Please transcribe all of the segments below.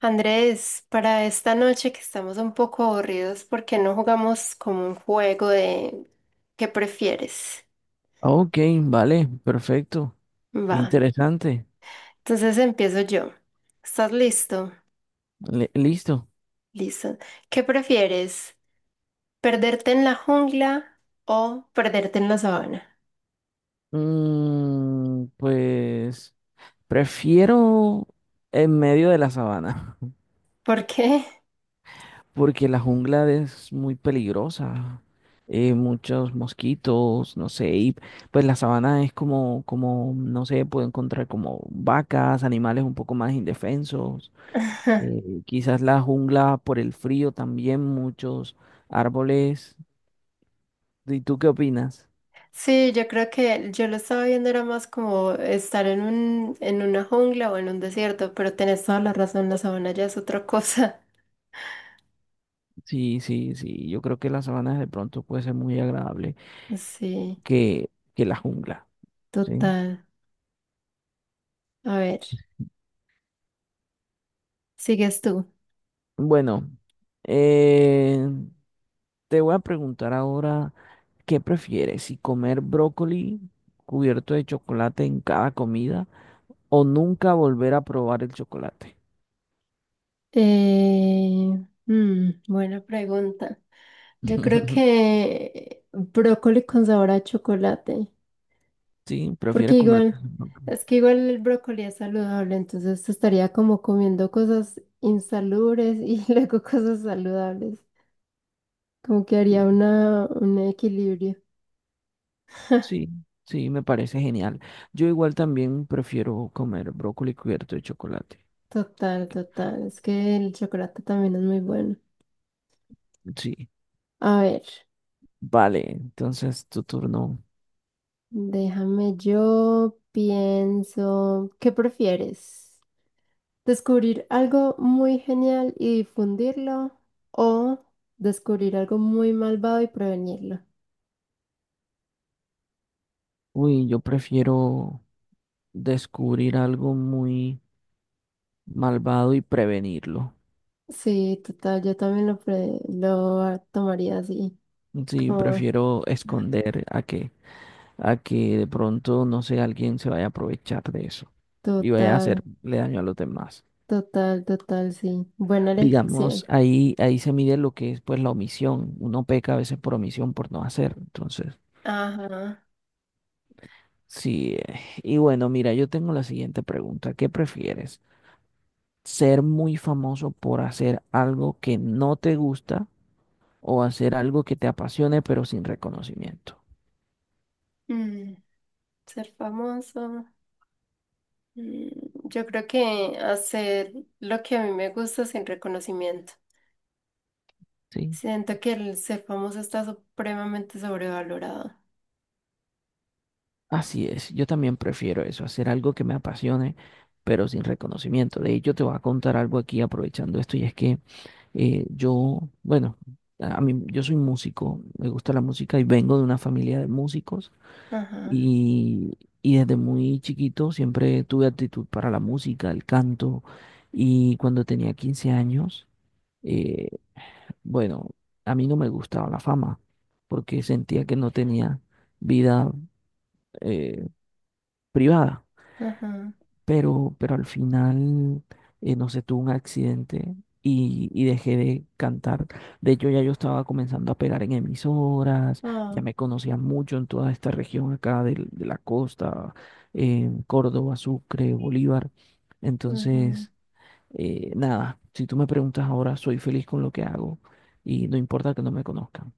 Andrés, para esta noche que estamos un poco aburridos, ¿por qué no jugamos como un juego de qué prefieres? Ok, vale, perfecto. Va. Interesante. Entonces empiezo yo. ¿Estás listo? Listo. Listo. ¿Qué prefieres? ¿Perderte en la jungla o perderte en la sabana? Pues prefiero en medio de la sabana, ¿Por qué? porque la jungla es muy peligrosa. Muchos mosquitos, no sé, y pues la sabana es como, no sé, puedo encontrar como vacas, animales un poco más indefensos. Quizás la jungla por el frío también, muchos árboles. ¿Y tú qué opinas? Sí, yo creo que yo lo estaba viendo era más como estar en una jungla o en un desierto, pero tenés toda la razón, la sabana ya es otra cosa. Sí, sí, sí. Yo creo que las sabanas de pronto puede ser muy agradable Sí, que, que la jungla, ¿sí? total. A ver. Sigues tú. Bueno, eh, te voy a preguntar ahora, ¿qué prefieres? ¿Si comer brócoli cubierto de chocolate en cada comida o nunca volver a probar el chocolate? Eh, Buena pregunta. Yo creo que brócoli con sabor a chocolate, Sí, porque prefieres comer. igual, es que igual el brócoli es saludable, entonces estaría como comiendo cosas insalubres y luego cosas saludables, como que haría Sí, un equilibrio. sí, sí, me parece genial. Yo igual también prefiero comer brócoli cubierto de chocolate. Total, total, es que el chocolate también es muy bueno. Sí, A ver, vale, entonces tu turno. déjame yo pienso, ¿qué prefieres? Descubrir algo muy genial y difundirlo o descubrir algo muy malvado y prevenirlo. Uy, yo prefiero descubrir algo muy malvado y prevenirlo. Sí, total, yo también lo, pre- lo a- tomaría así. Sí, Como prefiero esconder a que de pronto, no sé, alguien se vaya a aprovechar de eso y vaya a total, hacerle daño a los demás. total, total, sí. Buena Digamos, elección. ahí, ahí se mide lo que es pues la omisión. Uno peca a veces por omisión, por no hacer. Entonces, Ajá. sí. Y bueno, mira, yo tengo la siguiente pregunta. ¿Qué prefieres? ¿Ser muy famoso por hacer algo que no te gusta, o hacer algo que te apasione pero sin reconocimiento? Mm, Ser famoso. Mm, yo creo que hacer lo que a mí me gusta sin reconocimiento. ¿Sí? Siento que el ser famoso está supremamente sobrevalorado. Así es, yo también prefiero eso, hacer algo que me apasione pero sin reconocimiento. De hecho, te voy a contar algo aquí aprovechando esto, y es que bueno, a mí yo soy músico, me gusta la música y vengo de una familia de músicos, Ajá, y, y desde muy chiquito siempre tuve actitud para la música, el canto, y cuando tenía 15 años, eh, bueno, a mí no me gustaba la fama porque sentía que no tenía vida eh, privada, ajá. pero al final, no sé, tuve un accidente y dejé de cantar. De hecho, ya yo estaba comenzando a pegar en emisoras, ya Ah, me conocían mucho en toda esta región acá de la costa, en Córdoba, Sucre, Bolívar. ujú. Entonces, nada, si tú me preguntas ahora, soy feliz con lo que hago y no importa que no me conozcan.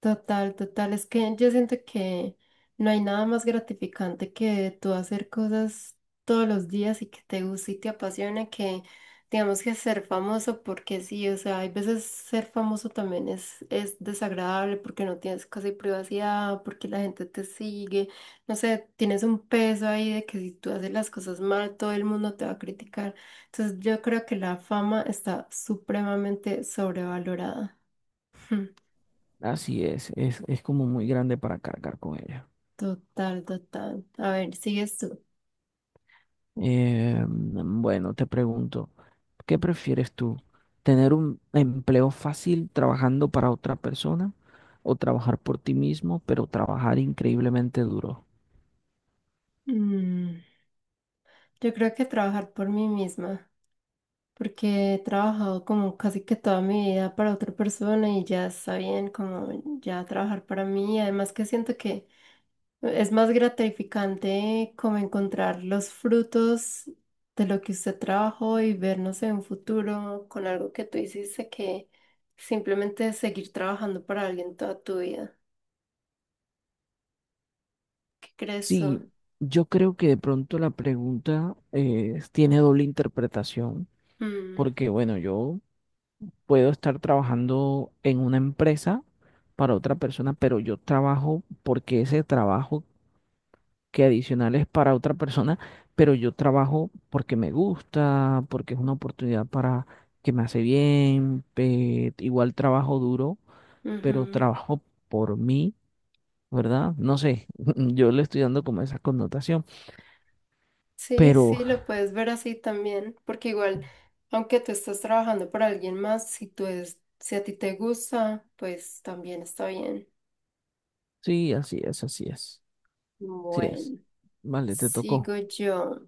Total, total. Es que yo siento que no hay nada más gratificante que tú hacer cosas todos los días y que te guste y te apasiona que, digamos que ser famoso porque sí, o sea, hay veces ser famoso también es desagradable porque no tienes casi privacidad, porque la gente te sigue, no sé, tienes un peso ahí de que si tú haces las cosas mal, todo el mundo te va a criticar. Entonces yo creo que la fama está supremamente sobrevalorada. Así es como muy grande para cargar con ella. Total, total. A ver, sigues tú. Bueno, te pregunto, ¿qué prefieres tú? ¿Tener un empleo fácil trabajando para otra persona, o trabajar por ti mismo, pero trabajar increíblemente duro? Mm, Yo creo que trabajar por mí misma, porque he trabajado como casi que toda mi vida para otra persona y ya está bien como ya trabajar para mí. Además que siento que es más gratificante como encontrar los frutos de lo que usted trabajó y vernos en un futuro con algo que tú hiciste que simplemente seguir trabajando para alguien toda tu vida. ¿Qué crees tú? Sí, yo creo que de pronto la pregunta tiene doble interpretación, Mm, porque bueno, yo puedo estar trabajando en una empresa para otra persona, pero yo trabajo porque ese trabajo que adicionales para otra persona, pero yo trabajo porque me gusta, porque es una oportunidad para que me hace bien, igual trabajo duro, pero ujú. trabajo por mí, ¿verdad? No sé, yo le estoy dando como esa connotación, Sí, pero sí, lo puedes ver así también, porque igual, aunque tú estás trabajando para alguien más, si a ti te gusta, pues también está bien. sí, así es, así es, así es. Bueno, Vale, te tocó. sigo yo.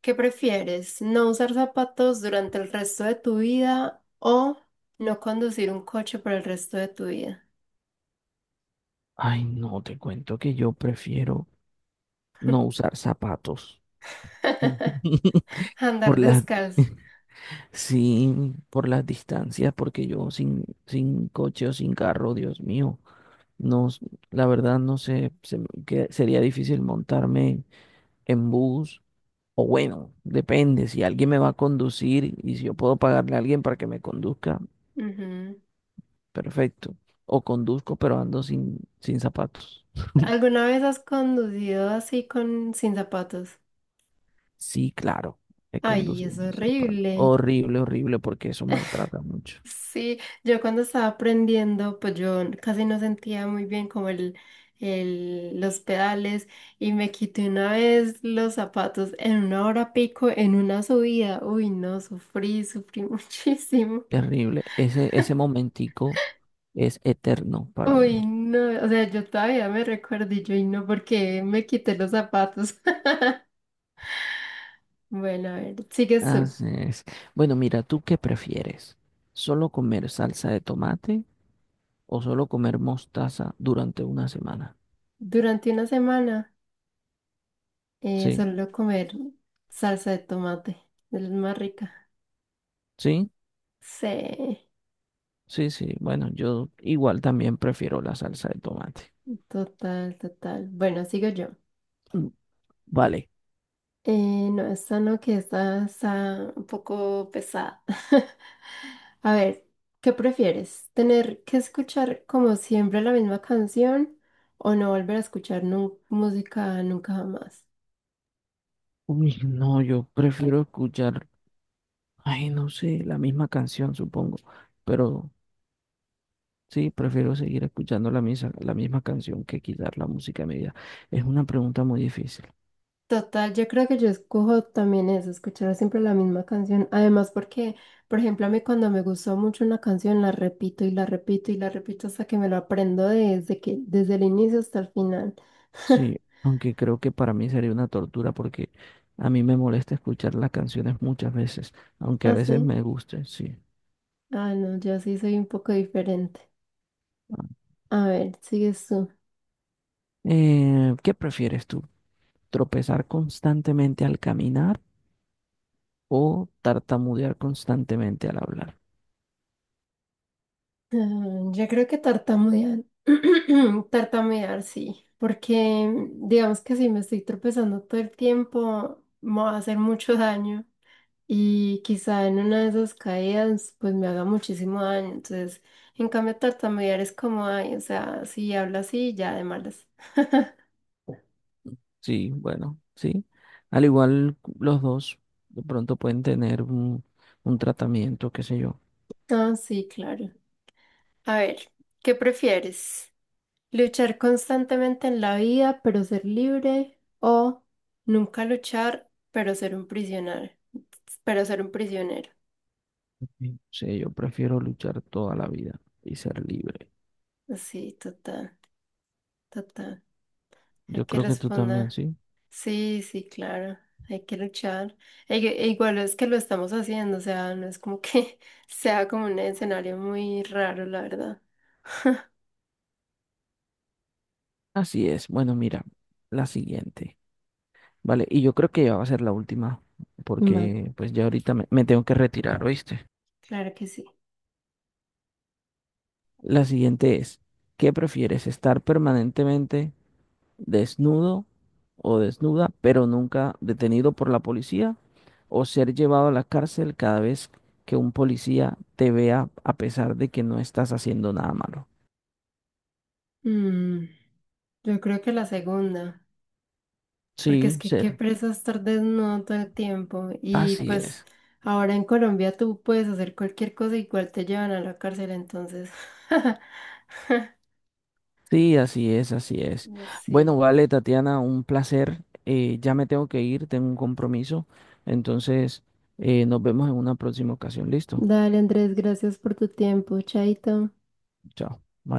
¿Qué prefieres? ¿No usar zapatos durante el resto de tu vida o no conducir un coche por el resto de tu vida? Ay, no, te cuento que yo prefiero no usar zapatos. Andar Por las descalzo. sí, por las distancias, porque yo sin coche o sin carro, Dios mío, no, la verdad no sé, que sería difícil montarme en bus, o bueno, depende, si alguien me va a conducir y si yo puedo pagarle a alguien para que me conduzca, Ujú. perfecto, o conduzco pero ando sin zapatos. ¿Alguna vez has conducido así con sin zapatos? Sí, claro, he Ay, conducido es sin zapatos. horrible. Horrible, horrible, porque eso maltrata mucho. Sí, yo cuando estaba aprendiendo, pues yo casi no sentía muy bien como los pedales y me quité una vez los zapatos en una hora pico, en una subida. Uy, no, sufrí, sufrí muchísimo. Terrible, ese momentico es eterno para Uy, uno. no, o sea, yo todavía me recuerdo y yo, y no, porque me quité los zapatos. Bueno, a ver, sigues tú. Así es. Bueno, mira, ¿tú qué prefieres? ¿Solo comer salsa de tomate, o solo comer mostaza durante una semana? Durante una semana, Sí, solo comer salsa de tomate, es la más rica. sí, Sí. sí, sí. Bueno, yo igual también prefiero la salsa de tomate. Total, total. Bueno, sigo yo. Mm, vale. No, esta no, que esta está un poco pesada. A ver, ¿qué prefieres? ¿Tener que escuchar como siempre la misma canción o no volver a escuchar música nunca jamás? Uy, no, yo prefiero escuchar, ay, no sé, la misma canción, supongo. Pero sí, prefiero seguir escuchando la misa, la misma canción que quitar la música media. Es una pregunta muy difícil. Total, yo creo que yo escojo también eso, escuchar siempre la misma canción. Además, porque, por ejemplo, a mí cuando me gustó mucho una canción, la repito y la repito y la repito hasta que me lo aprendo desde el inicio hasta el final. Sí, aunque creo que para mí sería una tortura porque a mí me molesta escuchar las canciones muchas veces, aunque a Ah, veces sí. me guste, sí. Ah, no, yo sí soy un poco diferente. Ah. A ver, sigues tú. ¿Qué prefieres tú? ¿Tropezar constantemente al caminar, o tartamudear constantemente al hablar? Ah, yo creo que tartamudear. Tartamudear, sí. Porque digamos que si me estoy tropezando todo el tiempo, me va a hacer mucho daño. Y quizá en una de esas caídas, pues me haga muchísimo daño. Entonces, en cambio, tartamudear es como, ay, o sea, si hablo así, ya de malas. Sí, bueno, sí. Al igual los dos de pronto pueden tener un tratamiento, qué sé yo. Ah, sí, claro. A ver, ¿qué prefieres? Luchar constantemente en la vida, pero ser libre, o nunca luchar, pero ser un prisionero, pero ser un prisionero. Sí, sí, yo prefiero luchar toda la vida y ser libre. Sí, total, total. Hay Yo que creo que tú también, responder. sí. Sí, sí, claro. Hay que luchar. E igual es que lo estamos haciendo, o sea, no es como que sea como un escenario muy raro, la verdad. Así es. Bueno, mira, la siguiente. Vale, y yo creo que ya va a ser la última, Vale, porque pues ya ahorita me, me tengo que retirar, ¿oíste? claro que sí. La siguiente es, ¿qué prefieres? ¿Estar permanentemente desnudo o desnuda, pero nunca detenido por la policía? ¿O ser llevado a la cárcel cada vez que un policía te vea a pesar de que no estás haciendo nada malo? Mm, yo creo que la segunda. Porque es Sí, que qué ser. presa estar desnudo todo el tiempo. Y Así pues es. ahora en Colombia tú puedes hacer cualquier cosa, igual te llevan a la cárcel, entonces. Sí, así es, así es. Bueno, Sí. vale, Tatiana, un placer. Ya me tengo que ir, tengo un compromiso. Entonces, nos vemos en una próxima ocasión. Listo. Dale, Andrés, gracias por tu tiempo. Chaito. Chao. Bye.